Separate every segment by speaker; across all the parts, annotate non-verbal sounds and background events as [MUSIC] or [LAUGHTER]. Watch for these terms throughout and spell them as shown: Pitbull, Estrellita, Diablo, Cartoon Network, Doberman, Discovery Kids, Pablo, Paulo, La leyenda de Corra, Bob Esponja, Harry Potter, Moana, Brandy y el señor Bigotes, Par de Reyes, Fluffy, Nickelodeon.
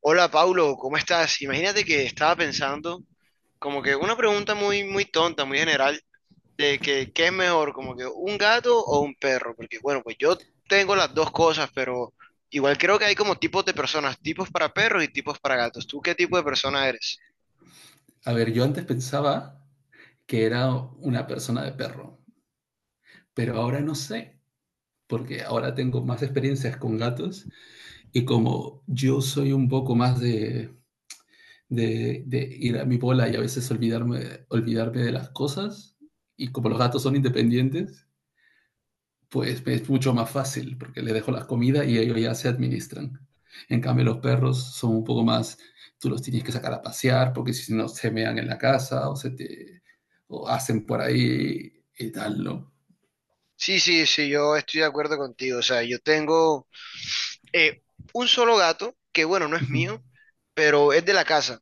Speaker 1: Hola Paulo, ¿cómo estás? Imagínate que estaba pensando como que una pregunta muy muy tonta, muy general, de que qué es mejor, como que un gato o un perro, porque bueno, pues yo tengo las dos cosas, pero igual creo que hay como tipos de personas, tipos para perros y tipos para gatos. ¿Tú qué tipo de persona eres?
Speaker 2: A ver, yo antes pensaba que era una persona de perro, pero ahora no sé, porque ahora tengo más experiencias con gatos y como yo soy un poco más de ir a mi bola y a veces olvidarme de las cosas, y como los gatos son independientes, pues es mucho más fácil porque le dejo las comidas y ellos ya se administran. En cambio, los perros son un poco más, tú los tienes que sacar a pasear porque si no se mean en la casa o se te o hacen por ahí y tal, ¿no?
Speaker 1: Sí, sí, sí, yo estoy de acuerdo contigo. O sea, yo tengo eh, un solo gato, que bueno, no es
Speaker 2: Ujú,
Speaker 1: mío, pero es de la casa.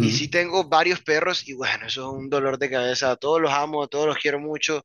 Speaker 1: Y sí tengo varios perros y bueno, eso es un dolor de cabeza. A todos los amo, a todos los quiero mucho,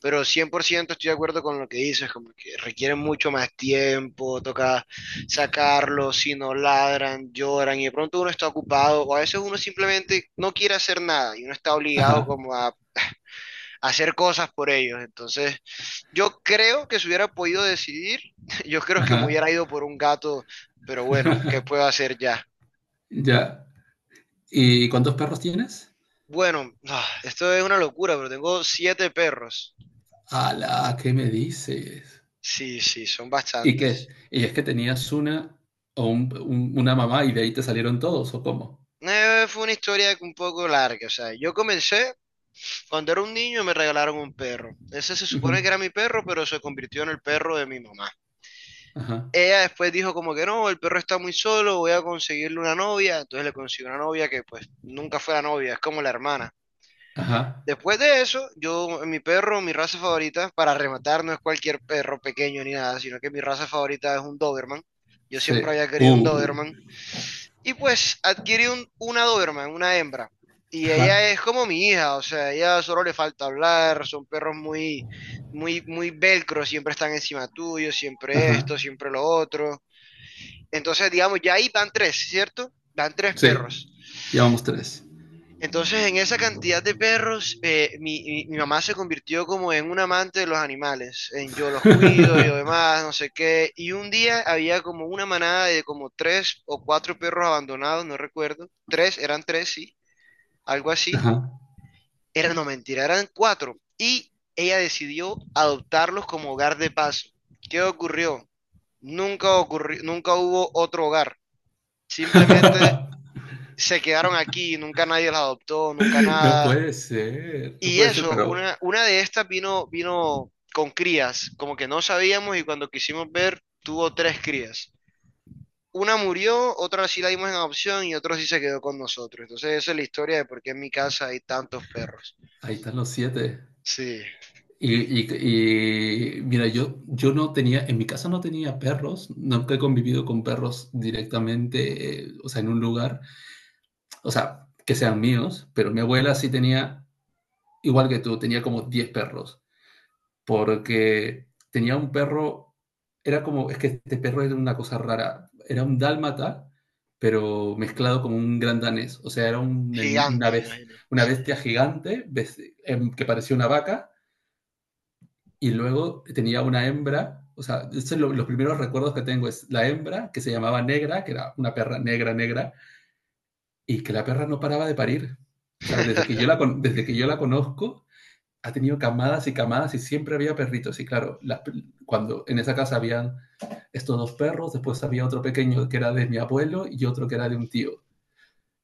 Speaker 1: pero 100% estoy de acuerdo con lo que dices, como que requieren mucho más tiempo, toca sacarlos, si no ladran, lloran, y de pronto uno está ocupado, o a veces uno simplemente no quiere hacer nada, y uno está obligado
Speaker 2: Ajá,
Speaker 1: como a hacer cosas por ellos. Entonces, yo creo que si hubiera podido decidir, [LAUGHS] yo creo que me
Speaker 2: ajá.
Speaker 1: hubiera ido por un gato, pero bueno, ¿qué puedo
Speaker 2: [LAUGHS]
Speaker 1: hacer ya?
Speaker 2: Ya. ¿Y cuántos perros tienes?
Speaker 1: Bueno, ah, esto es una locura, pero tengo siete perros.
Speaker 2: ¡Hala! ¿Qué me dices?
Speaker 1: Sí, sí, son
Speaker 2: ¿Y qué es?
Speaker 1: bastantes.
Speaker 2: ¿Y es que tenías una o una mamá y de ahí te salieron todos o cómo?
Speaker 1: Fue una historia un poco larga. O sea, yo comencé cuando era un niño me regalaron un perro. Ese se
Speaker 2: Ujú,
Speaker 1: supone que era mi perro, pero se convirtió en el perro de mi mamá.
Speaker 2: ajá,
Speaker 1: Ella después dijo como que no, el perro está muy solo, voy a conseguirle una novia. Entonces le consiguió una novia que pues nunca fue la novia, es como la hermana.
Speaker 2: ajá.
Speaker 1: Después de eso, yo, mi perro, mi raza favorita, para rematar, no es cualquier perro pequeño ni nada, sino que mi raza favorita es un Doberman. Yo siempre
Speaker 2: Sí.
Speaker 1: había querido un Doberman. Y pues adquirí un, una Doberman, una hembra. Y
Speaker 2: Ajá.
Speaker 1: ella es como mi hija, o sea, ella solo le falta hablar, son perros muy, muy, muy velcro, siempre están encima tuyo, siempre
Speaker 2: Ajá.
Speaker 1: esto, siempre lo otro. Entonces, digamos, ya ahí van tres, ¿cierto? Van tres
Speaker 2: Sí.
Speaker 1: perros.
Speaker 2: Ya vamos tres.
Speaker 1: Entonces, en esa cantidad de perros, mi mamá se convirtió como en un amante de los animales. En yo los cuido, yo
Speaker 2: [LAUGHS]
Speaker 1: demás, no sé qué. Y un día había como una manada de como tres o cuatro perros abandonados, no recuerdo. Tres, eran tres, sí, algo así.
Speaker 2: Ajá.
Speaker 1: Era, no, mentira, eran cuatro. Y ella decidió adoptarlos como hogar de paso. ¿Qué ocurrió? Nunca ocurrió, nunca hubo otro hogar. Simplemente
Speaker 2: [LAUGHS]
Speaker 1: se quedaron aquí, nunca nadie los adoptó, nunca
Speaker 2: No
Speaker 1: nada.
Speaker 2: puede ser. No
Speaker 1: Y
Speaker 2: puede ser,
Speaker 1: eso,
Speaker 2: pero
Speaker 1: una de estas vino, vino con crías, como que no sabíamos y cuando quisimos ver tuvo tres crías. Una murió, otra sí la dimos en adopción y otra sí se quedó con nosotros. Entonces esa es la historia de por qué en mi casa hay tantos perros.
Speaker 2: ahí están los siete.
Speaker 1: Sí,
Speaker 2: Mira, yo no tenía, en mi casa no tenía perros, nunca he convivido con perros directamente, o sea, en un lugar, o sea, que sean míos, pero mi abuela sí tenía, igual que tú, tenía como 10 perros. Porque tenía un perro, era como, es que este perro era una cosa rara, era un dálmata, pero mezclado con un gran danés, o sea, era una,
Speaker 1: gigante, me
Speaker 2: bes-
Speaker 1: imagino.
Speaker 2: una
Speaker 1: Sí.
Speaker 2: bestia gigante, que parecía una vaca y luego tenía una hembra, o sea, estos son los primeros recuerdos que tengo, es la hembra que se llamaba Negra, que era una perra negra, negra, y que la perra no paraba de parir. O sea,
Speaker 1: [LAUGHS]
Speaker 2: desde que yo la conozco, ha tenido camadas y camadas y siempre había perritos. Y claro, cuando en esa casa habían estos dos perros, después había otro pequeño que era de mi abuelo y otro que era de un tío.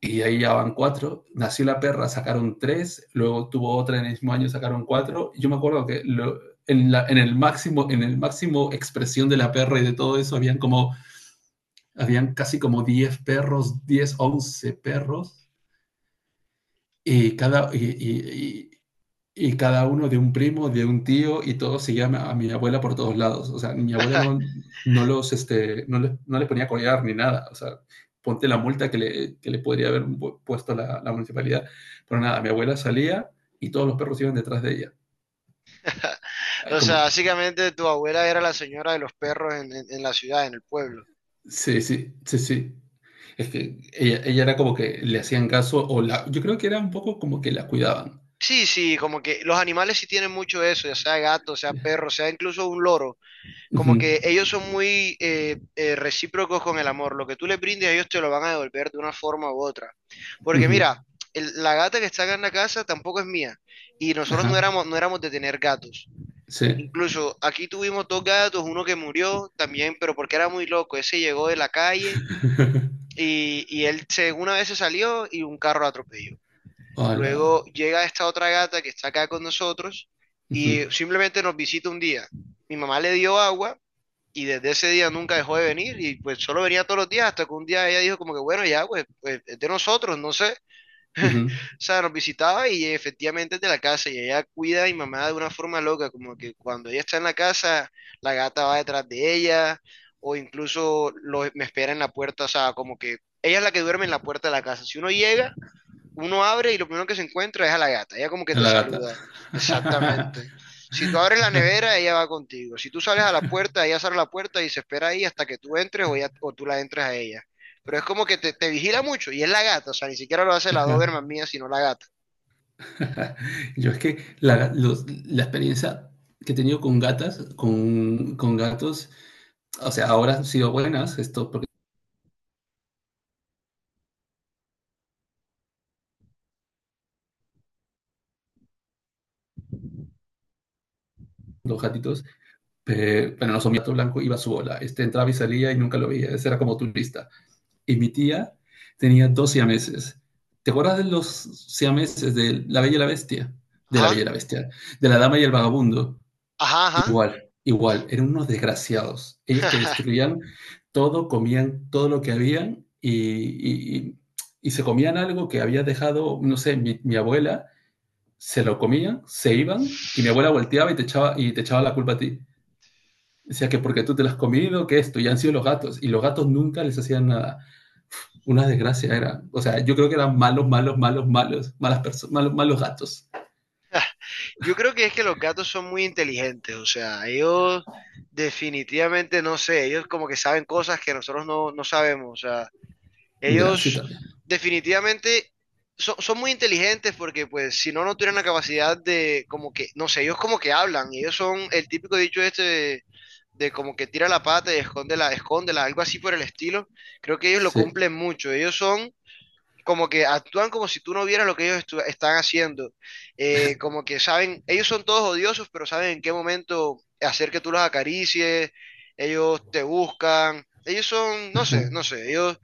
Speaker 2: Y ahí ya van cuatro. Nació la perra, sacaron tres, luego tuvo otra en el mismo año, sacaron cuatro. Yo me acuerdo que en el máximo expresión de la perra y de todo eso, habían casi como 10 perros, 10 11 perros. Y cada, y- y- y cada uno de un primo, de un tío, y todos seguían a mi abuela por todos lados. O sea, mi abuela no, no los, este, no les, no les ponía a collar ni nada. O sea, ponte la multa que le podría haber puesto la municipalidad. Pero nada, mi abuela salía y todos los perros iban detrás de ella. Ay,
Speaker 1: O
Speaker 2: como,
Speaker 1: sea, básicamente tu abuela era la señora de los perros en la ciudad, en el pueblo.
Speaker 2: sí, sí, sí, sí. Es que ella era como que le hacían caso, o la, yo creo que era un poco como que la cuidaban.
Speaker 1: Sí, sí, como que los animales sí tienen mucho eso, ya sea gato, sea
Speaker 2: Sí.
Speaker 1: perro, sea incluso un loro.
Speaker 2: Ujú,
Speaker 1: Como que ellos son muy recíprocos con el amor. Lo que tú le brindes, a ellos te lo van a devolver de una forma u otra. Porque
Speaker 2: ujú,
Speaker 1: mira, la gata que está acá en la casa tampoco es mía. Y nosotros no
Speaker 2: ajá,
Speaker 1: éramos, no éramos de tener gatos.
Speaker 2: sí.
Speaker 1: Incluso aquí tuvimos dos gatos, uno que murió también, pero porque era muy loco. Ese llegó de la calle
Speaker 2: [LAUGHS]
Speaker 1: y él se, una vez se salió y un carro lo atropelló.
Speaker 2: Hola.
Speaker 1: Luego llega esta otra gata que está acá con nosotros y
Speaker 2: Ujú,
Speaker 1: simplemente nos visita un día. Mi mamá le dio agua y desde ese día nunca dejó de venir y pues solo venía todos los días hasta que un día ella dijo como que bueno, ya, pues, pues, es de nosotros, no sé. [LAUGHS]
Speaker 2: ujú.
Speaker 1: O sea, nos visitaba y efectivamente es de la casa y ella cuida a mi mamá de una forma loca, como que cuando ella está en la casa, la gata va detrás de ella o incluso me espera en la puerta, o sea, como que ella es la que duerme en la puerta de la casa. Si uno llega, uno abre y lo primero que se encuentra es a la gata. Ella como que
Speaker 2: A
Speaker 1: te
Speaker 2: la gata.
Speaker 1: saluda, exactamente. Si tú abres la
Speaker 2: [LAUGHS]
Speaker 1: nevera, ella va contigo. Si tú sales a la puerta, ella sale a la puerta y se espera ahí hasta que tú entres o, o tú la entres a ella. Pero es como que te vigila mucho y es la gata, o sea, ni siquiera lo hace la Doberman mía, sino la gata.
Speaker 2: Yo es que la experiencia que he tenido con gatas, con gatos, o sea, ahora han sido buenas, esto, porque los gatitos, pero no son mi gato blanco, iba a su bola. Este entraba y salía y nunca lo veía, ese era como turista. Y mi tía tenía dos siameses. ¿Te acuerdas de los siameses de La Bella y la Bestia? De La
Speaker 1: Ajá,
Speaker 2: Bella y la Bestia, de La Dama y el Vagabundo.
Speaker 1: ajá,
Speaker 2: Igual, igual, eran unos desgraciados. Ellos te
Speaker 1: ajá. [LAUGHS]
Speaker 2: destruían todo, comían todo lo que habían y se comían algo que había dejado, no sé, mi abuela, se lo comían, se iban y mi abuela volteaba y te echaba la culpa a ti. Decía que porque tú te lo has comido, que esto, y han sido los gatos, y los gatos nunca les hacían nada. Una desgracia era. O sea, yo creo que eran malos, malos, malos, malos, malas personas, malos, malos gatos.
Speaker 1: Yo creo que es que los gatos son muy inteligentes, o sea, ellos definitivamente, no sé, ellos como que saben cosas que nosotros no, no sabemos, o sea.
Speaker 2: Ya, sí,
Speaker 1: Ellos
Speaker 2: también.
Speaker 1: definitivamente son muy inteligentes porque pues si no, no tuvieran la capacidad de como que, no sé, ellos como que hablan, ellos son el típico dicho este de como que tira la pata y escóndela, escóndela, algo así por el estilo. Creo que ellos lo
Speaker 2: Sí.
Speaker 1: cumplen mucho, ellos son como que actúan como si tú no vieras lo que ellos están haciendo. Como que saben, ellos son todos odiosos, pero saben en qué momento hacer que tú los acaricies, ellos te buscan. Ellos son, no sé,
Speaker 2: Ajá,
Speaker 1: no sé, ellos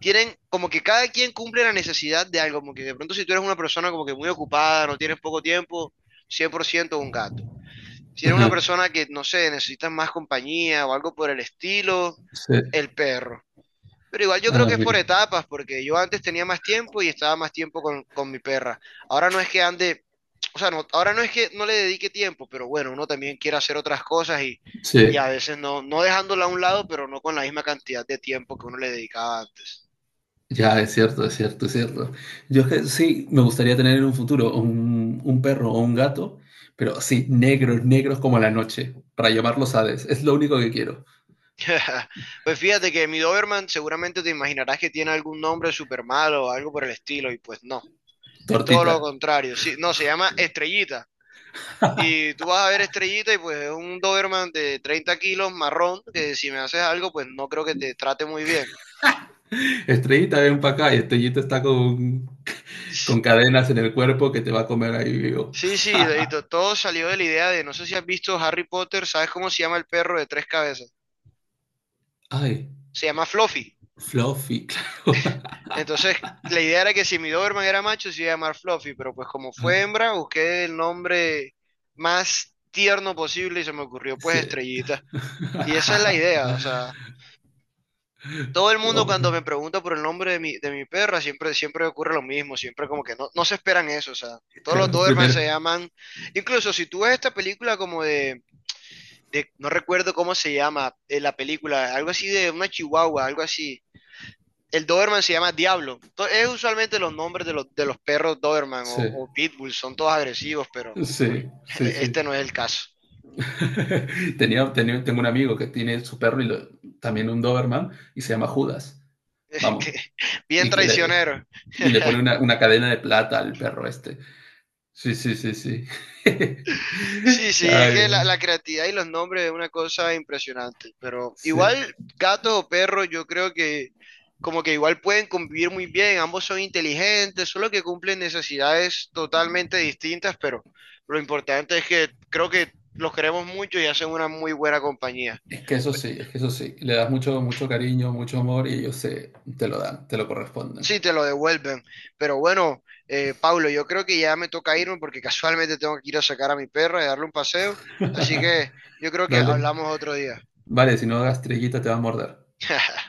Speaker 1: tienen como que cada quien cumple la necesidad de algo, como que de pronto si tú eres una persona como que muy ocupada, no tienes poco tiempo, 100% un gato. Si eres una
Speaker 2: ajá.
Speaker 1: persona que, no sé, necesitas más compañía o algo por el estilo,
Speaker 2: Sí.
Speaker 1: el perro. Pero igual yo creo
Speaker 2: Ah,
Speaker 1: que es
Speaker 2: mira.
Speaker 1: por etapas, porque yo antes tenía más tiempo y estaba más tiempo con mi perra. Ahora no es que ande, o sea, no, ahora no es que no le dedique tiempo, pero bueno, uno también quiere hacer otras cosas y
Speaker 2: Sí.
Speaker 1: a veces no, no dejándola a un lado, pero no con la misma cantidad de tiempo que uno le dedicaba antes.
Speaker 2: Ya, es cierto, es cierto, es cierto. Yo es que sí, me gustaría tener en un futuro un perro o un gato, pero sí, negros, negros como la noche, para llamarlos Hades. Es lo único que quiero.
Speaker 1: [LAUGHS] Pues fíjate que mi Doberman seguramente te imaginarás que tiene algún nombre súper malo o algo por el estilo, y pues no, es todo
Speaker 2: Tortita.
Speaker 1: lo contrario. Sí, no, se llama Estrellita. Y tú vas a ver Estrellita y pues es un Doberman de 30 kilos marrón, que si me haces algo, pues no creo que te trate muy bien.
Speaker 2: Estrellita, ven para acá y Estrellita está con cadenas en el cuerpo que te va a comer ahí vivo.
Speaker 1: Sí, sí, y todo salió de la idea de, no sé si has visto Harry Potter, ¿sabes cómo se llama el perro de tres cabezas?
Speaker 2: Ay,
Speaker 1: Se llama Fluffy.
Speaker 2: Fluffy, [LAUGHS]
Speaker 1: Entonces, la idea era que si mi Doberman era macho, se iba a llamar Fluffy, pero pues como fue
Speaker 2: claro.
Speaker 1: hembra, busqué el nombre más tierno posible y se me ocurrió pues
Speaker 2: Sí.
Speaker 1: Estrellita. Y esa es la idea, o sea,
Speaker 2: [LAUGHS]
Speaker 1: todo el mundo
Speaker 2: Oh,
Speaker 1: cuando me pregunta por el nombre de de mi perra, siempre, siempre ocurre lo mismo, siempre como que no, no se esperan eso, o sea, todos los
Speaker 2: claro,
Speaker 1: Doberman se
Speaker 2: primero.
Speaker 1: llaman, incluso si tú ves esta película como de, no recuerdo cómo se llama la película, algo así de una chihuahua, algo así. El Doberman se llama Diablo. Es usualmente los nombres de los, perros Doberman o,
Speaker 2: Sí,
Speaker 1: o Pitbull, son todos agresivos, pero
Speaker 2: sí,
Speaker 1: [LAUGHS]
Speaker 2: sí, sí.
Speaker 1: este no es el caso.
Speaker 2: [LAUGHS] Tengo un amigo que tiene su perro y también un Doberman y se llama Judas. Vamos.
Speaker 1: [LAUGHS] Bien
Speaker 2: Y, que le,
Speaker 1: traicionero.
Speaker 2: y le pone
Speaker 1: [LAUGHS]
Speaker 2: una cadena de plata al perro este. Sí, sí, sí, sí. [LAUGHS]
Speaker 1: Sí, sí, es
Speaker 2: Ay,
Speaker 1: que la creatividad y los nombres es una cosa impresionante, pero
Speaker 2: sí.
Speaker 1: igual gatos o perros yo creo que como que igual pueden convivir muy bien, ambos son inteligentes, solo que cumplen necesidades totalmente distintas, pero lo importante es que creo que los queremos mucho y hacen una muy buena compañía.
Speaker 2: Es que eso sí, es que eso sí. Le das mucho, mucho cariño, mucho amor y ellos se, te lo dan, te lo corresponden.
Speaker 1: Sí, te lo devuelven. Pero bueno, Pablo, yo creo que ya me toca irme porque [LAUGHS] casualmente tengo que ir a sacar a mi perra y darle un paseo. Así
Speaker 2: [LAUGHS]
Speaker 1: que yo creo que
Speaker 2: Dale.
Speaker 1: hablamos otro día.
Speaker 2: Vale, si no hagas trillita te va a morder.
Speaker 1: [LAUGHS]